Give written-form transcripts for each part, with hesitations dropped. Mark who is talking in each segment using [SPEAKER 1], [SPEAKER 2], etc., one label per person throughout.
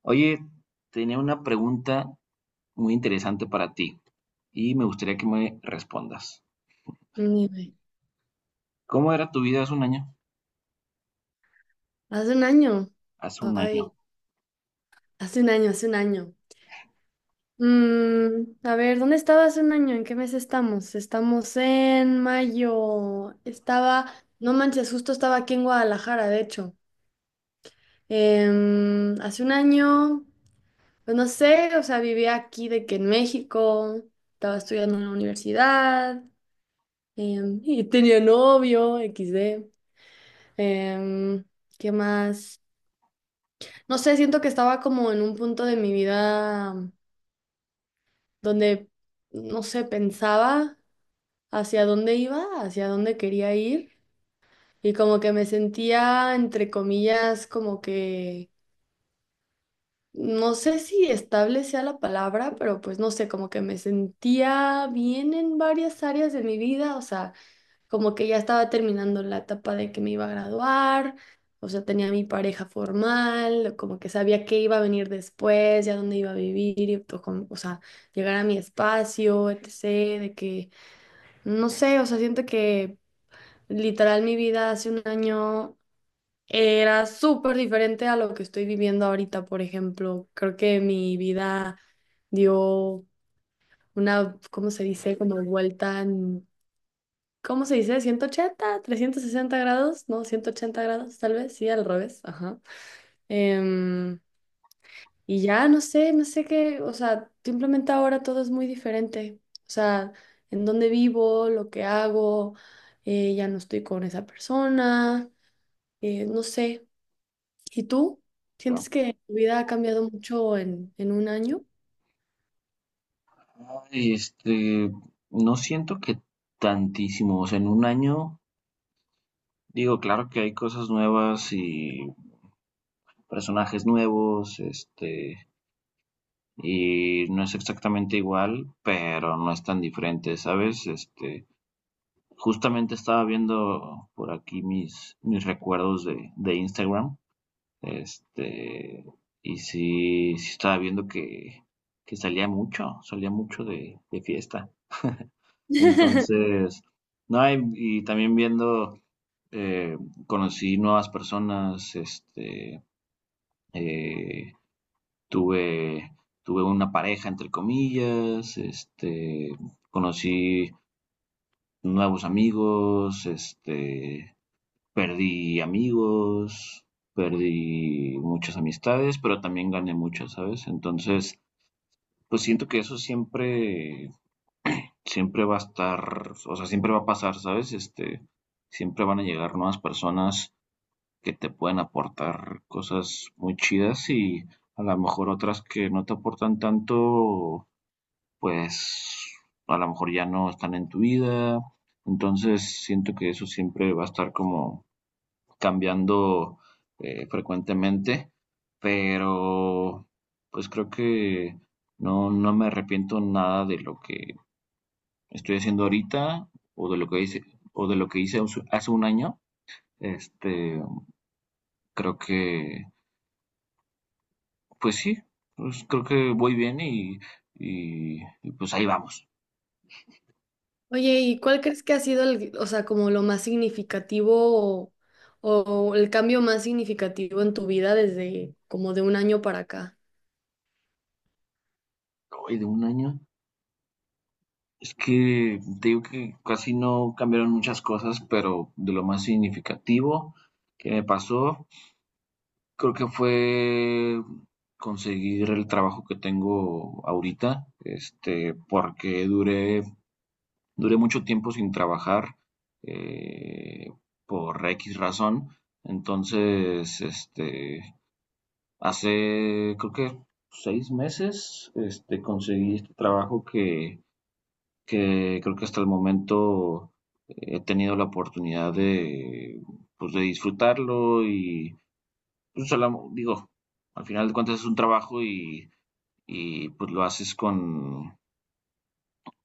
[SPEAKER 1] Oye, tenía una pregunta muy interesante para ti y me gustaría que me respondas.
[SPEAKER 2] Ni idea.
[SPEAKER 1] ¿Cómo era tu vida hace un año?
[SPEAKER 2] Hace un año.
[SPEAKER 1] Hace un año,
[SPEAKER 2] Ay, hace un año, hace un año. A ver, ¿dónde estaba hace un año? ¿En qué mes estamos? Estamos en mayo. No manches, justo estaba aquí en Guadalajara, de hecho. Hace un año, pues no sé, o sea, vivía aquí de que en México, estaba estudiando en la universidad, y tenía novio, XD. Em, ¿Qué más? No sé, siento que estaba como en un punto de mi vida donde, no sé, pensaba hacia dónde iba, hacia dónde quería ir y como que me sentía, entre comillas, como que, no sé si estable sea la palabra, pero pues no sé, como que me sentía bien en varias áreas de mi vida, o sea, como que ya estaba terminando la etapa de que me iba a graduar, o sea, tenía mi pareja formal, como que sabía qué iba a venir después, ya dónde iba a vivir, y o sea, llegar a mi espacio, etc., de que, no sé, o sea, siento que literal mi vida hace un año era súper diferente a lo que estoy viviendo ahorita, por ejemplo, creo que mi vida dio una, ¿cómo se dice? Como vuelta. ¿Cómo se dice? ¿180 360 grados? No, 180 grados, tal vez, sí, al revés, ajá. Em, y ya, no sé, no sé qué, o sea, simplemente ahora todo es muy diferente. O sea, en dónde vivo, lo que hago, ya no estoy con esa persona, no sé. ¿Y tú?
[SPEAKER 1] creo.
[SPEAKER 2] ¿Sientes que tu vida ha cambiado mucho en un año?
[SPEAKER 1] Ay, no siento que tantísimo, o sea, en un año, digo, claro que hay cosas nuevas y personajes nuevos, y no es exactamente igual, pero no es tan diferente, ¿sabes? Justamente estaba viendo por aquí mis recuerdos de Instagram. Este, y sí, sí estaba viendo que salía mucho de fiesta. Entonces, no, y también viendo, eh, conocí nuevas personas, eh, tuve, tuve una pareja, entre comillas, conocí nuevos amigos, perdí amigos, perdí muchas amistades, pero también gané muchas, ¿sabes? Entonces, pues siento que eso siempre va a estar, o sea, siempre va a pasar, ¿sabes? Siempre van a llegar nuevas personas que te pueden aportar cosas muy chidas y a lo mejor otras que no te aportan tanto, pues a lo mejor ya no están en tu vida. Entonces, siento que eso siempre va a estar como cambiando frecuentemente, pero pues creo que no, no me arrepiento nada de lo que estoy haciendo ahorita o de lo que hice, o de lo que hice hace un año. Este, creo que, pues sí, pues creo que voy bien y pues ahí vamos.
[SPEAKER 2] Oye, ¿y cuál crees que ha sido o sea, como lo más significativo o, o el cambio más significativo en tu vida desde como de un año para acá?
[SPEAKER 1] Hoy de un año. Es que te digo que casi no cambiaron muchas cosas, pero de lo más significativo que me pasó creo que fue conseguir el trabajo que tengo ahorita, porque duré mucho tiempo sin trabajar eh, por X razón. Entonces, hace creo que seis meses, conseguí este trabajo que creo que hasta el momento he tenido la oportunidad de, pues, de disfrutarlo y pues, solo, digo, al final de cuentas es un trabajo y pues lo haces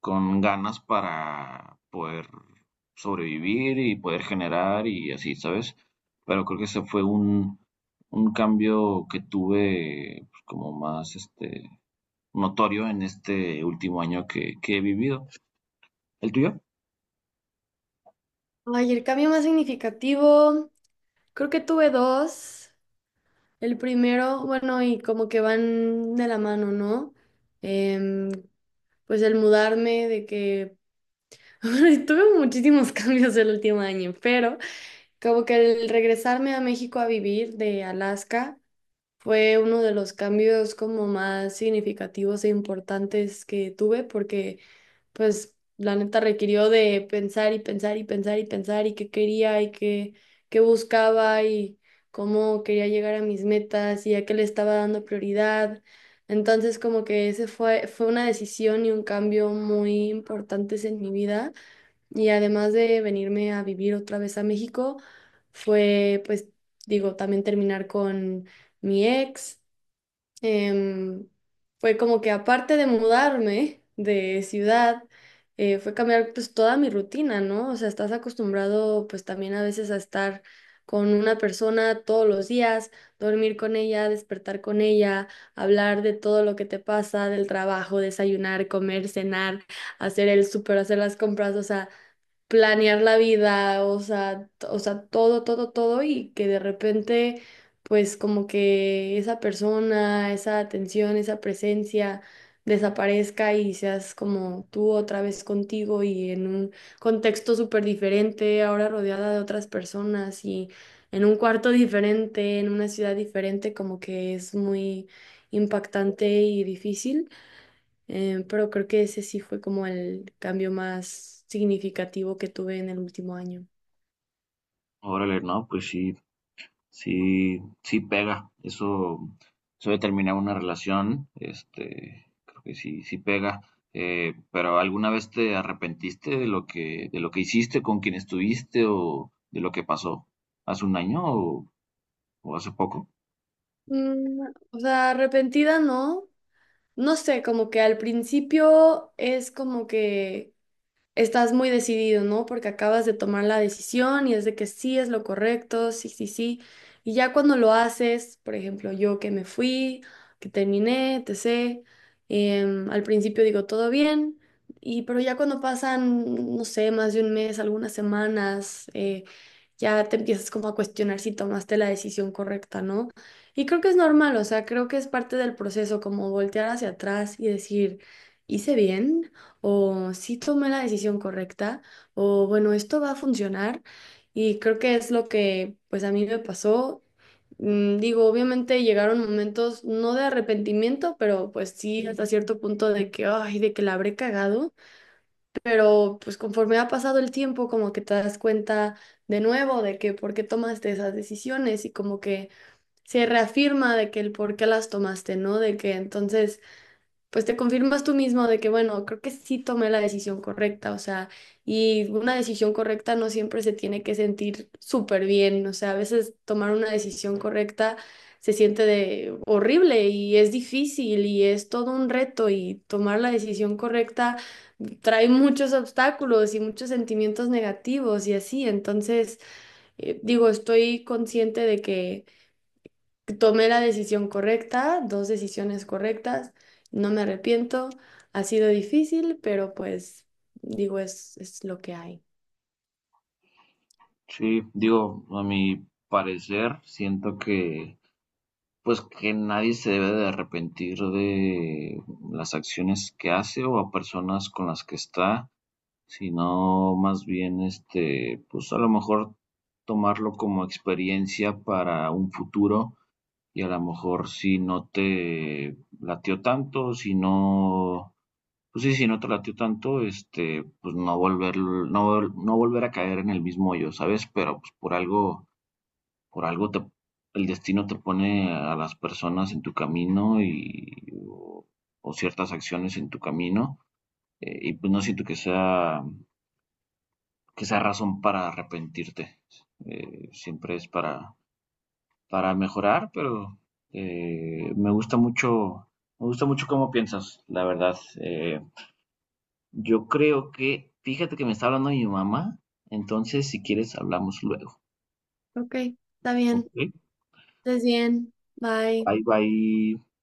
[SPEAKER 1] con ganas para poder sobrevivir y poder generar y así, ¿sabes? Pero creo que ese fue un cambio que tuve pues, como más notorio en este último año que he vivido. ¿El tuyo?
[SPEAKER 2] Ay, el cambio más significativo, creo que tuve dos. El primero, bueno, y como que van de la mano, ¿no? Em, pues el mudarme, de que bueno, tuve muchísimos cambios el último año, pero como que el regresarme a México a vivir de Alaska. Fue uno de los cambios como más significativos e importantes que tuve porque pues la neta requirió de pensar y pensar y pensar y pensar y qué quería y qué buscaba y cómo quería llegar a mis metas y a qué le estaba dando prioridad. Entonces como que ese fue una decisión y un cambio muy importantes en mi vida y además de venirme a vivir otra vez a México, fue, pues, digo, también terminar con mi ex. Em, Fue como que aparte de mudarme de ciudad, fue cambiar pues toda mi rutina, ¿no? O sea, estás acostumbrado pues también a veces a estar con una persona todos los días, dormir con ella, despertar con ella, hablar de todo lo que te pasa, del trabajo, desayunar, comer, cenar, hacer el súper, hacer las compras, o sea planear la vida, o sea, o sea, todo, todo, todo y que de repente, pues como que esa persona, esa atención, esa presencia desaparezca y seas como tú otra vez contigo y en un contexto súper diferente, ahora rodeada de otras personas y en un cuarto diferente, en una ciudad diferente, como que es muy impactante y difícil. Pero creo que ese sí fue como el cambio más significativo que tuve en el último año.
[SPEAKER 1] Órale, no, pues sí, sí, pega. Eso de terminar una relación, creo que sí, sí pega. Pero ¿alguna vez te arrepentiste de lo que hiciste, con quien estuviste o de lo que pasó hace un año o hace poco?
[SPEAKER 2] Mm, o sea, arrepentida no. No sé, como que al principio es como que estás muy decidido, ¿no? Porque acabas de tomar la decisión y es de que sí es lo correcto, sí, sí, sí. Y ya cuando lo haces, por ejemplo, yo que me fui, que terminé, etc. Al principio digo todo bien, y pero ya cuando pasan, no sé, más de un mes, algunas semanas, ya te empiezas como a cuestionar si tomaste la decisión correcta, ¿no? Y creo que es normal, o sea, creo que es parte del proceso, como voltear hacia atrás y decir, ¿hice bien? ¿O sí tomé la decisión correcta? ¿O bueno, esto va a funcionar? Y creo que es lo que pues a mí me pasó. Digo, obviamente llegaron momentos no de arrepentimiento, pero pues sí, hasta cierto punto de que, ay, de que la habré cagado. Pero pues conforme ha pasado el tiempo, como que te das cuenta de nuevo de que por qué tomaste esas decisiones y como que se reafirma de que el por qué las tomaste, ¿no? De que entonces pues te confirmas tú mismo de que, bueno, creo que sí tomé la decisión correcta, o sea, y una decisión correcta no siempre se tiene que sentir súper bien, o sea, a veces tomar una decisión correcta se siente de horrible y es difícil y es todo un reto y tomar la decisión correcta trae muchos obstáculos y muchos sentimientos negativos y así, entonces, digo, estoy consciente de que tomé la decisión correcta, dos decisiones correctas, no me arrepiento, ha sido difícil, pero pues digo, es lo que hay.
[SPEAKER 1] Sí, digo, a mi parecer, siento que, pues, que nadie se debe de arrepentir de las acciones que hace o a personas con las que está. Sino más bien, pues a lo mejor tomarlo como experiencia para un futuro y a lo mejor si no te latió tanto, si no, pues sí, si no te latió tanto, pues no volver, no, no volver a caer en el mismo hoyo, ¿sabes? Pero pues por algo, por algo te, el destino te pone a las personas en tu camino o, o ciertas acciones en tu camino, y pues no siento que sea razón para arrepentirte. Siempre es para mejorar, pero eh, me gusta mucho, me gusta mucho cómo piensas, la verdad. Yo creo que, fíjate que me está hablando mi mamá, entonces si quieres hablamos luego.
[SPEAKER 2] Ok, está
[SPEAKER 1] Ok,
[SPEAKER 2] bien, estés bien, bye.
[SPEAKER 1] bye bye.